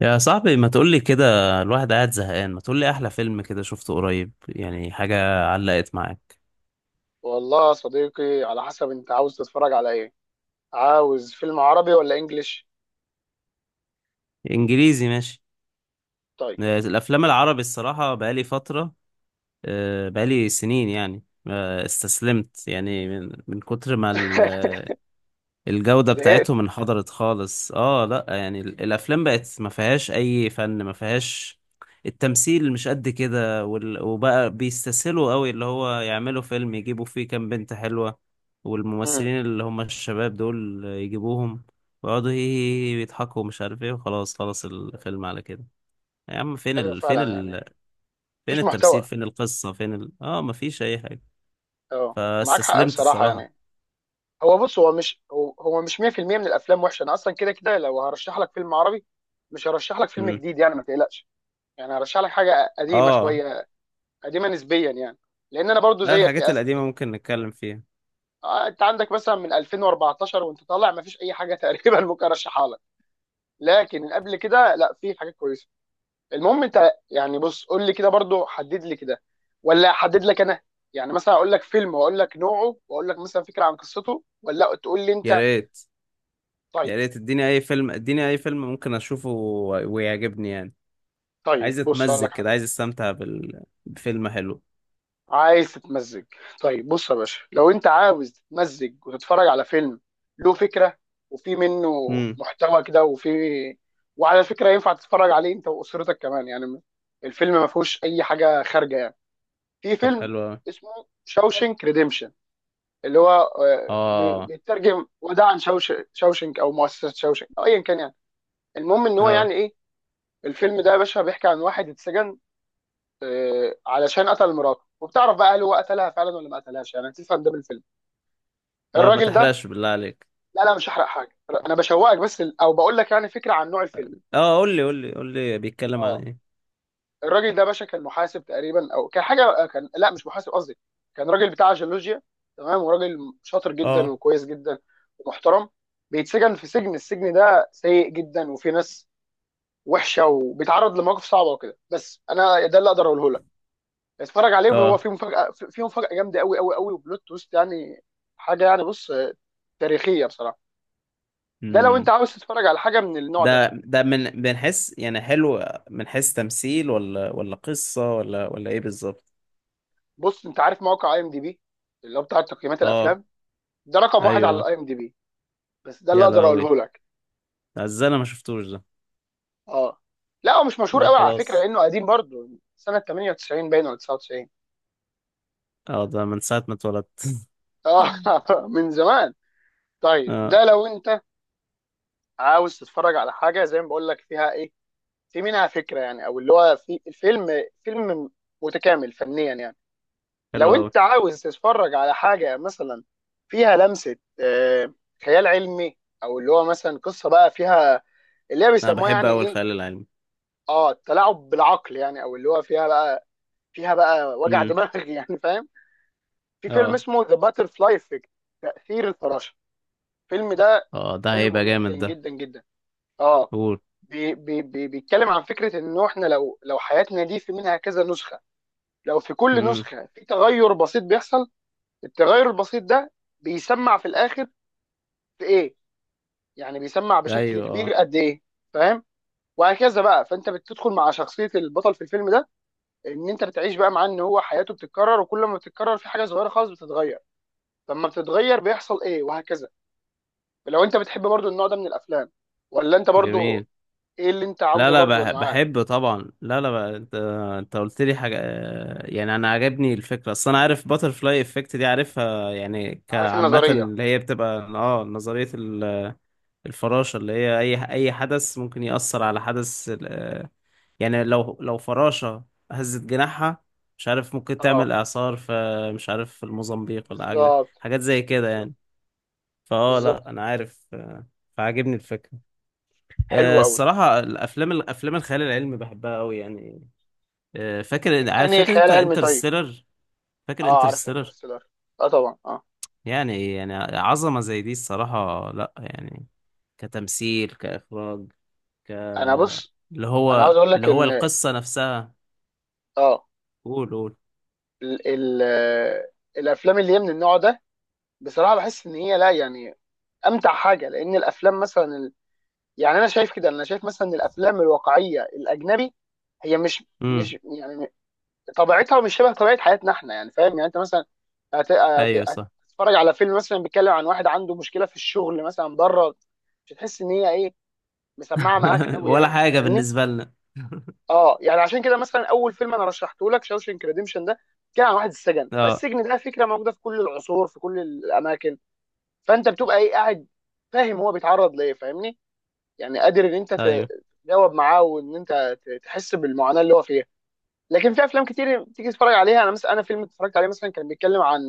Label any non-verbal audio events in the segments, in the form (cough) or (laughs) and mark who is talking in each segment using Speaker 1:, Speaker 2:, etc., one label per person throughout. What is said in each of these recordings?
Speaker 1: يا صاحبي، ما تقولي كده. الواحد قاعد زهقان، ما تقولي أحلى فيلم كده شفته قريب، يعني حاجة علقت معاك.
Speaker 2: والله يا صديقي، على حسب انت عاوز تتفرج على ايه. عاوز فيلم عربي ولا انجليش؟
Speaker 1: إنجليزي ماشي.
Speaker 2: طيب.
Speaker 1: الأفلام العربي الصراحة بقالي فترة. بقالي سنين يعني. استسلمت يعني من كتر ما
Speaker 2: (laughs)
Speaker 1: الجودة
Speaker 2: زهقت.
Speaker 1: بتاعتهم انحدرت خالص. اه لا يعني الافلام بقت ما فيهاش اي فن، ما فيهاش التمثيل مش قد كده، وبقى بيستسهلوا قوي، اللي هو يعملوا فيلم يجيبوا فيه كام بنت حلوة
Speaker 2: امم.
Speaker 1: والممثلين اللي هم الشباب دول يجيبوهم، ويقعدوا هي هي هي يضحكوا مش عارف ايه، وخلاص خلاص الفيلم على كده. يا عم،
Speaker 2: ايوه فعلا يعني
Speaker 1: فين
Speaker 2: مفيش
Speaker 1: التمثيل؟
Speaker 2: محتوى.
Speaker 1: فين القصة؟ فين ال... اه مفيش اي حاجة.
Speaker 2: اه، معاك حق
Speaker 1: فاستسلمت
Speaker 2: بصراحه
Speaker 1: الصراحة.
Speaker 2: يعني. هو بص، هو مش 100% من الافلام وحشه. انا اصلا كده كده، لو هرشح لك فيلم عربي مش هرشح لك فيلم
Speaker 1: مم.
Speaker 2: جديد، يعني ما تقلقش. يعني هرشح لك حاجه قديمه
Speaker 1: اه.
Speaker 2: شويه، قديمه نسبيا يعني، لان انا برضو
Speaker 1: لا،
Speaker 2: زيك
Speaker 1: الحاجات
Speaker 2: يا اسف.
Speaker 1: القديمة ممكن نتكلم فيها.
Speaker 2: انت عندك مثلا من 2014 وانت طالع ما فيش اي حاجه (laughs) تقريبا ممكن ارشحها. لكن قبل كده، لا، في حاجات كويسه. المهم انت يعني، بص قول لي كده برضو، حدد لي كده ولا احدد لك انا. يعني مثلا اقول لك فيلم واقول لك نوعه واقول لك مثلا فكره عن قصته، ولا تقول لي
Speaker 1: يا
Speaker 2: انت؟
Speaker 1: ريت. يا
Speaker 2: طيب.
Speaker 1: ريت اديني اي فيلم، اديني اي فيلم ممكن اشوفه ويعجبني يعني.
Speaker 2: طيب
Speaker 1: عايز
Speaker 2: بص اقول
Speaker 1: اتمزج
Speaker 2: لك
Speaker 1: كده،
Speaker 2: حاجه.
Speaker 1: عايز استمتع بفيلم حلو.
Speaker 2: عايز تتمزج؟ طيب بص يا باشا، لو انت عاوز تتمزج وتتفرج على فيلم له فكره وفي منه
Speaker 1: امم.
Speaker 2: محتوى كده، وفي وعلى فكره ينفع تتفرج عليه انت واسرتك كمان يعني، الفيلم ما فيهوش اي حاجه خارجه يعني. في
Speaker 1: طب
Speaker 2: فيلم
Speaker 1: حلو أوي.
Speaker 2: اسمه شاوشنك ريديمشن، اللي هو
Speaker 1: اه
Speaker 2: بيترجم وداعا شوش شاوشنك او مؤسسه شاوشنك او ايا كان يعني. المهم ان هو يعني
Speaker 1: اه
Speaker 2: ايه. الفيلم ده يا باشا بيحكي عن واحد اتسجن علشان قتل مراته، وبتعرف بقى هل هو قتلها فعلا ولا ما قتلهاش، يعني هتفهم ده من الفيلم،
Speaker 1: اه، ما
Speaker 2: الراجل ده.
Speaker 1: تحرقش بالله عليك.
Speaker 2: لا لا، مش هحرق حاجه. انا بشوقك بس، او بقول لك يعني فكره عن نوع الفيلم.
Speaker 1: اه، قول لي قول لي قول لي بيتكلم عن
Speaker 2: اه،
Speaker 1: ايه.
Speaker 2: الراجل ده باشا كان محاسب تقريبا، او كان حاجه، كان، لا مش محاسب قصدي، كان راجل بتاع جيولوجيا. تمام. وراجل شاطر جدا
Speaker 1: اه.
Speaker 2: وكويس جدا ومحترم. بيتسجن في سجن. السجن ده سيء جدا وفي ناس وحشه، وبيتعرض لمواقف صعبه وكده. بس انا ده اللي اقدر اقوله لك. اتفرج عليه، وهو
Speaker 1: اه.
Speaker 2: فيه مفاجاه، فيه مفاجاه جامده قوي قوي قوي وبلوت تويست يعني. حاجه يعني، بص تاريخيه بصراحه. ده لو انت
Speaker 1: امم.
Speaker 2: عاوز تتفرج على حاجه من النوع ده.
Speaker 1: ده من حيث يعني حلو؟ من حيث تمثيل ولا قصة ولا ايه بالظبط؟
Speaker 2: بص، انت عارف موقع اي ام دي بي، اللي هو بتاع تقييمات
Speaker 1: اه.
Speaker 2: الافلام؟ ده رقم واحد على
Speaker 1: ايوه.
Speaker 2: الاي ام دي بي. بس ده اللي
Speaker 1: يا
Speaker 2: اقدر
Speaker 1: لهوي،
Speaker 2: اقوله لك.
Speaker 1: ده ازاي انا ما شفتوش ده؟
Speaker 2: اه، لا، هو مش مشهور
Speaker 1: لا
Speaker 2: قوي على فكره،
Speaker 1: خلاص.
Speaker 2: لانه قديم برضه، سنه 98 باين ولا 99.
Speaker 1: اه ده من ساعة ما اتولدت. (laughs)
Speaker 2: اه، (laughs) من زمان. طيب،
Speaker 1: اه،
Speaker 2: ده لو انت عاوز تتفرج على حاجه زي ما بقول لك فيها ايه، في منها فكره يعني، او اللي هو في الفيلم، فيلم متكامل فنيا يعني.
Speaker 1: حلو
Speaker 2: لو
Speaker 1: قوي.
Speaker 2: انت عاوز تتفرج على حاجه مثلا فيها لمسه خيال علمي، او اللي هو مثلا قصه بقى فيها اللي هي
Speaker 1: انا
Speaker 2: بيسموها
Speaker 1: بحب
Speaker 2: يعني
Speaker 1: قوي
Speaker 2: ايه،
Speaker 1: الخيال العلمي.
Speaker 2: اه، التلاعب بالعقل، يعني او اللي هو فيها بقى، فيها بقى وجع
Speaker 1: امم.
Speaker 2: دماغ (laughs) يعني فاهم. في فيلم
Speaker 1: اه
Speaker 2: اسمه ذا باتر فلاي افكت، تأثير الفراشة. الفيلم ده
Speaker 1: اه، ده
Speaker 2: حلو
Speaker 1: هيبقى
Speaker 2: جدا
Speaker 1: جامد ده.
Speaker 2: جدا جدا. اه،
Speaker 1: قول.
Speaker 2: بي بي بي بيتكلم عن فكرة انه احنا لو حياتنا دي في منها كذا نسخة، لو في كل
Speaker 1: امم.
Speaker 2: نسخة في تغير بسيط بيحصل. التغير البسيط ده بيسمع في الاخر في ايه، يعني بيسمع بشكل
Speaker 1: ايوه اه.
Speaker 2: كبير قد ايه، فاهم؟ وهكذا بقى، فانت بتدخل مع شخصية البطل في الفيلم ده، ان انت بتعيش بقى معاه ان هو حياته بتتكرر، وكل ما بتتكرر في حاجة صغيرة خالص بتتغير، لما بتتغير بيحصل ايه، وهكذا. لو انت بتحب برضو النوع ده من الافلام، ولا انت برضو
Speaker 1: جميل.
Speaker 2: ايه اللي انت
Speaker 1: لا
Speaker 2: عاوزه،
Speaker 1: لا،
Speaker 2: برضو انا معاك.
Speaker 1: بحب طبعا. لا لا بقى انت. انت قلت لي حاجه، يعني انا عجبني الفكره، اصل انا عارف باترفلاي افكت دي، عارفها يعني
Speaker 2: عارف
Speaker 1: كعامه،
Speaker 2: النظريه.
Speaker 1: اللي هي بتبقى نظريه الفراشة، اللي هي أي حدث ممكن يأثر على حدث. يعني لو فراشة هزت جناحها، مش عارف ممكن تعمل
Speaker 2: اه،
Speaker 1: إعصار في، مش عارف في الموزمبيق ولا حاجة،
Speaker 2: بالظبط،
Speaker 1: حاجات زي كده
Speaker 2: بالظبط،
Speaker 1: يعني.
Speaker 2: بالظبط.
Speaker 1: لأ أنا عارف. فعاجبني الفكرة.
Speaker 2: حلو قوي.
Speaker 1: الصراحة الأفلام الخيال العلمي بحبها أوي يعني. فاكر، عارف،
Speaker 2: انهي
Speaker 1: فاكر
Speaker 2: خيال
Speaker 1: أنت
Speaker 2: علمي؟ طيب،
Speaker 1: انترستيلر؟ فاكر
Speaker 2: اه عارف
Speaker 1: انترستيلر؟
Speaker 2: انترستيلر. اه، طبعا، اه.
Speaker 1: يعني عظمة زي دي الصراحة لأ يعني، كتمثيل، كإخراج،
Speaker 2: انا بص،
Speaker 1: اللي
Speaker 2: انا عاوز
Speaker 1: هو
Speaker 2: اقول لك
Speaker 1: اللي هو
Speaker 2: ان،
Speaker 1: القصة نفسها.
Speaker 2: اه،
Speaker 1: قول قول.
Speaker 2: ال الافلام اللي هي من النوع ده بصراحه، بحس ان هي، لا يعني، امتع حاجه. لان الافلام مثلا، يعني انا شايف كده، انا شايف مثلا ان الافلام الواقعيه الاجنبي هي مش
Speaker 1: امم.
Speaker 2: مش يعني طبيعتها مش شبه طبيعه حياتنا احنا، يعني فاهم؟ يعني انت مثلا هت- هت-
Speaker 1: ايوه صح.
Speaker 2: هتتفرج على فيلم مثلا بيتكلم عن واحد عنده مشكله في الشغل مثلا بره، مش هتحس ان هي ايه، مسمعه معاك
Speaker 1: (laughs)
Speaker 2: قوي،
Speaker 1: ولا
Speaker 2: يعني
Speaker 1: حاجة
Speaker 2: فاهمني.
Speaker 1: بالنسبة لنا.
Speaker 2: اه، يعني عشان كده مثلا اول فيلم انا رشحته لك شاوشنك ريديمشن ده، كان عن واحد السجن.
Speaker 1: اه
Speaker 2: فالسجن ده فكره موجوده في كل العصور في كل الاماكن، فانت بتبقى ايه قاعد فاهم هو بيتعرض ليه، فاهمني؟ يعني قادر ان انت
Speaker 1: ايوه.
Speaker 2: تجاوب معاه وان انت تحس بالمعاناه اللي هو فيها. لكن في افلام كتير تيجي تتفرج عليها، انا مثلا، انا فيلم اتفرجت عليه مثلا كان بيتكلم عن،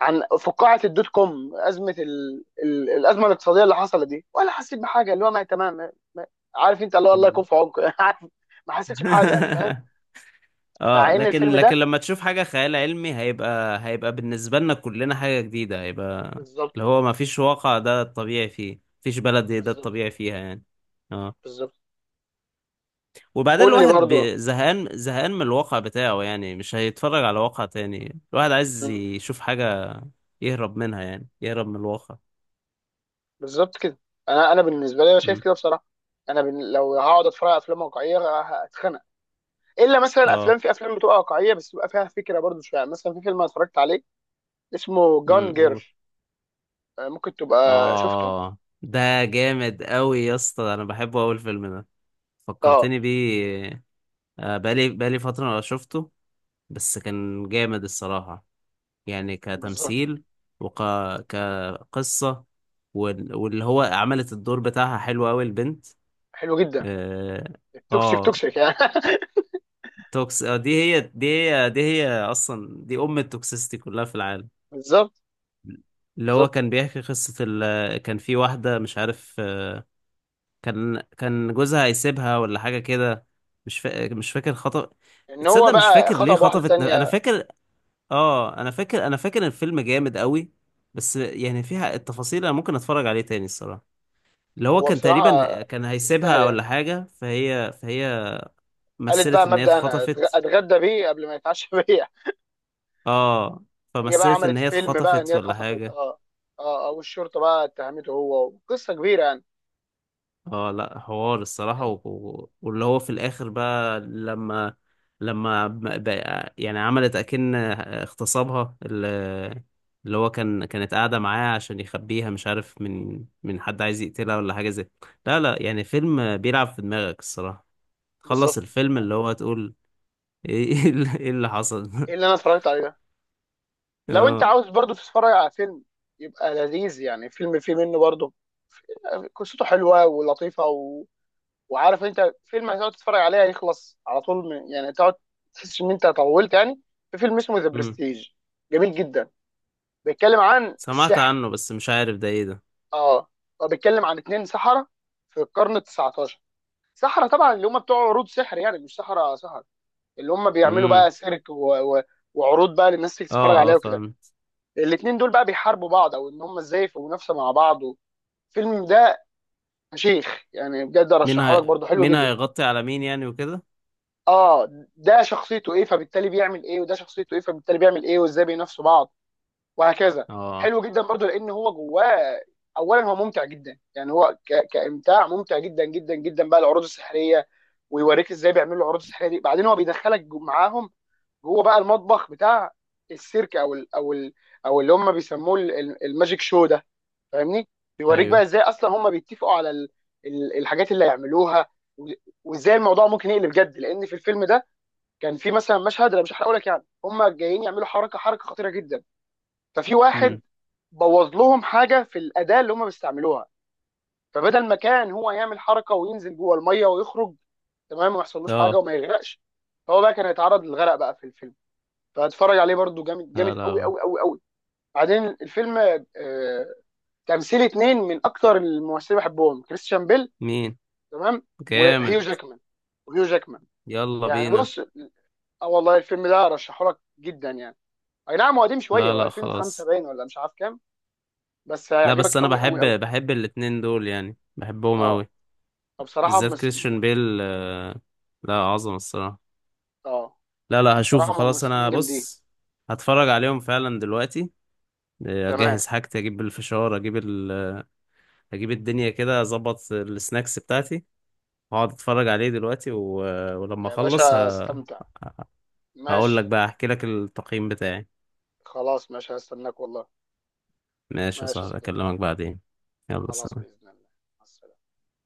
Speaker 2: عن فقاعه الدوت كوم، ازمه الازمه الاقتصاديه اللي حصلت دي، ولا حسيت بحاجه. اللي هو ما تمام عارف انت، الله الله
Speaker 1: مم.
Speaker 2: يكون في عمق (laughs) عارف. ما حسيتش بحاجه يعني فاهم.
Speaker 1: (laughs)
Speaker 2: مع
Speaker 1: اه،
Speaker 2: ان
Speaker 1: لكن
Speaker 2: الفيلم
Speaker 1: لكن
Speaker 2: ده
Speaker 1: لما تشوف حاجة خيال علمي هيبقى، بالنسبة لنا كلنا حاجة جديدة، هيبقى
Speaker 2: بالظبط.
Speaker 1: اللي هو ما فيش واقع ده الطبيعي فيه، مفيش بلد ده
Speaker 2: بالظبط،
Speaker 1: الطبيعي فيها يعني. اه.
Speaker 2: بالظبط.
Speaker 1: وبعدين
Speaker 2: قول لي
Speaker 1: الواحد
Speaker 2: برضو.
Speaker 1: زهقان زهقان من الواقع بتاعه يعني، مش هيتفرج على واقع تاني، الواحد عايز
Speaker 2: مم.
Speaker 1: يشوف حاجة يهرب منها، يعني يهرب من الواقع.
Speaker 2: بالظبط كده. انا، انا بالنسبه لي انا شايف
Speaker 1: مم.
Speaker 2: كده بصراحه. انا لو هقعد اتفرج على افلام واقعيه هتخنق. الا مثلا افلام،
Speaker 1: اه.
Speaker 2: في افلام بتبقى واقعيه بس بيبقى فيها فكره برضو شويه، يعني مثلا في فيلم أنا اتفرجت عليه اسمه
Speaker 1: امم.
Speaker 2: جان جيرل،
Speaker 1: قول.
Speaker 2: ممكن تبقى شفته.
Speaker 1: اه ده جامد قوي يا اسطى، انا بحبه اول فيلم ده،
Speaker 2: اه،
Speaker 1: فكرتني بيه. بقالي فترة ما شفته، بس كان جامد الصراحة، يعني
Speaker 2: بالظبط.
Speaker 1: كتمثيل، وك كقصة، واللي هو عملت الدور بتاعها حلو قوي البنت.
Speaker 2: حلو جدا.
Speaker 1: اه.
Speaker 2: التوكسيك
Speaker 1: آه،
Speaker 2: توكسيك يعني.
Speaker 1: توكس دي هي دي هي دي هي اصلا دي ام التوكسيستي كلها في العالم.
Speaker 2: (laughs) بالظبط.
Speaker 1: اللي هو
Speaker 2: بالظبط،
Speaker 1: كان بيحكي قصة كان في واحدة مش عارف، كان جوزها هيسيبها ولا حاجة كده، مش فاكر خطف.
Speaker 2: ان هو
Speaker 1: تصدق مش
Speaker 2: بقى
Speaker 1: فاكر ليه
Speaker 2: خطب واحده
Speaker 1: خطفت، انا
Speaker 2: تانية.
Speaker 1: فاكر. اه انا فاكر، الفيلم جامد قوي، بس يعني فيها التفاصيل، انا ممكن اتفرج عليه تاني الصراحة. اللي هو
Speaker 2: هو
Speaker 1: كان
Speaker 2: بصراحه
Speaker 1: تقريبا كان
Speaker 2: يستاهل
Speaker 1: هيسيبها
Speaker 2: يعني.
Speaker 1: ولا حاجة، فهي
Speaker 2: قالت
Speaker 1: مثلت
Speaker 2: بقى
Speaker 1: ان هي
Speaker 2: مبدأ انا
Speaker 1: اتخطفت.
Speaker 2: اتغدى بيه قبل ما يتعشى (laughs) بيا.
Speaker 1: اه.
Speaker 2: هي بقى
Speaker 1: فمثلت ان
Speaker 2: عملت
Speaker 1: هي
Speaker 2: فيلم بقى ان
Speaker 1: اتخطفت
Speaker 2: هي
Speaker 1: ولا
Speaker 2: اتخطفت،
Speaker 1: حاجة.
Speaker 2: اه. اه، اه، والشرطه بقى اتهمته، هو قصه كبيره يعني.
Speaker 1: اه، لا حوار الصراحة. واللي هو في الآخر بقى لما بقى يعني عملت أكن اغتصابها، اللي هو كانت قاعدة معاه عشان يخبيها مش عارف من حد عايز يقتلها ولا حاجة زي. لا لا، يعني فيلم بيلعب في دماغك الصراحة، تخلص
Speaker 2: بالظبط.
Speaker 1: الفيلم اللي هو تقول (laughs) ايه إيه اللي إيه اللي حصل.
Speaker 2: ايه اللي
Speaker 1: (laughs)
Speaker 2: انا اتفرجت عليه ده؟ لو انت
Speaker 1: اه.
Speaker 2: عاوز برضو تتفرج على فيلم يبقى لذيذ يعني، فيلم فيه منه برضو، قصته حلوه ولطيفه وعارف انت فيلم هتقعد تتفرج عليه هيخلص على طول يعني تقعد تحس ان انت طولت يعني. في فيلم اسمه ذا
Speaker 1: امم.
Speaker 2: برستيج، جميل جدا. بيتكلم عن
Speaker 1: سمعت
Speaker 2: السحر.
Speaker 1: عنه بس مش عارف ده ايه ده.
Speaker 2: اه، هو بيتكلم عن اتنين سحرة في القرن ال 19. سحرة طبعا اللي هم بتوع عروض سحر، يعني مش سحرة سحر. اللي هم بيعملوا
Speaker 1: امم.
Speaker 2: بقى سيرك و... وعروض بقى للناس تيجي تتفرج
Speaker 1: اه
Speaker 2: عليها
Speaker 1: اه
Speaker 2: وكده.
Speaker 1: فهمت.
Speaker 2: الاتنين دول بقى بيحاربوا بعض، او ان هم ازاي في منافسه مع بعض. الفيلم ده شيخ يعني بجد، ارشحه لك برضه، حلو
Speaker 1: مين
Speaker 2: جدا.
Speaker 1: هيغطي على مين يعني وكده.
Speaker 2: اه، ده شخصيته ايه فبالتالي بيعمل ايه، وده شخصيته ايه فبالتالي بيعمل ايه، وازاي بينافسوا بعض، وهكذا.
Speaker 1: اه.
Speaker 2: حلو جدا برضه، لان هو جواه. اولا هو ممتع جدا يعني، هو كامتاع ممتع جدا جدا جدا بقى العروض السحريه، ويوريك ازاي بيعملوا العروض السحريه دي. بعدين هو بيدخلك معاهم جوه بقى، المطبخ بتاع السيرك او ال... او ال... او اللي هم بيسموه الماجيك شو ده، فاهمني؟ بيوريك بقى
Speaker 1: ايوه.
Speaker 2: ازاي اصلا هم بيتفقوا على الحاجات اللي هيعملوها، و- وازاي الموضوع ممكن يقلب جد. لان في الفيلم ده كان في مثلا مشهد، انا مش هحرقه لك، يعني هم جايين يعملوا حركه، حركه خطيره جدا، ففي
Speaker 1: امم.
Speaker 2: واحد بوظ لهم حاجه في الاداه اللي هم بيستعملوها، فبدل ما كان هو يعمل حركه وينزل جوه الميه ويخرج، تمام، وما يحصلوش حاجه
Speaker 1: اه.
Speaker 2: وما يغرقش، هو بقى كان هيتعرض للغرق بقى في الفيلم. فاتفرج عليه برضو، جامد، جامد
Speaker 1: لا
Speaker 2: قوي
Speaker 1: لا،
Speaker 2: قوي قوي قوي. بعدين الفيلم، آه، تمثيل اثنين من اكتر الممثلين اللي بحبهم، كريستيان بيل،
Speaker 1: مين؟
Speaker 2: تمام، وهيو
Speaker 1: جامد.
Speaker 2: جاكمان، وهيو جاكمان.
Speaker 1: يلا
Speaker 2: يعني
Speaker 1: بينا.
Speaker 2: بص، اه والله الفيلم ده ارشحه لك جدا يعني. اي نعم هو قديم شويه،
Speaker 1: لا
Speaker 2: هو
Speaker 1: لا
Speaker 2: 2005
Speaker 1: خلاص.
Speaker 2: باين ولا مش عارف كام، بس
Speaker 1: لا بس
Speaker 2: هيعجبك
Speaker 1: انا،
Speaker 2: قوي قوي
Speaker 1: بحب
Speaker 2: قوي.
Speaker 1: بحب الاتنين دول يعني بحبهم
Speaker 2: اه،
Speaker 1: اوي،
Speaker 2: فبصراحه
Speaker 1: بالذات كريستيان بيل. لا، عظمة الصراحة.
Speaker 2: اه
Speaker 1: لا لا
Speaker 2: بصراحه
Speaker 1: هشوفه خلاص.
Speaker 2: ممثلين
Speaker 1: انا
Speaker 2: جامدين.
Speaker 1: بص هتفرج عليهم فعلا دلوقتي.
Speaker 2: تمام.
Speaker 1: اجهز حاجتي، اجيب الفشار، اجيب الدنيا كده، اظبط السناكس بتاعتي، هقعد اتفرج عليه دلوقتي ولما
Speaker 2: يا
Speaker 1: اخلص
Speaker 2: باشا استمتع.
Speaker 1: هقول لك
Speaker 2: ماشي.
Speaker 1: بقى، احكي لك التقييم بتاعي.
Speaker 2: خلاص ماشي، هستناك والله.
Speaker 1: ماشي يا
Speaker 2: ماشي يا
Speaker 1: صاحبي،
Speaker 2: صديقي.
Speaker 1: اكلمك بعدين. يلا
Speaker 2: خلاص
Speaker 1: سلام.
Speaker 2: باذن الله. مع السلامة.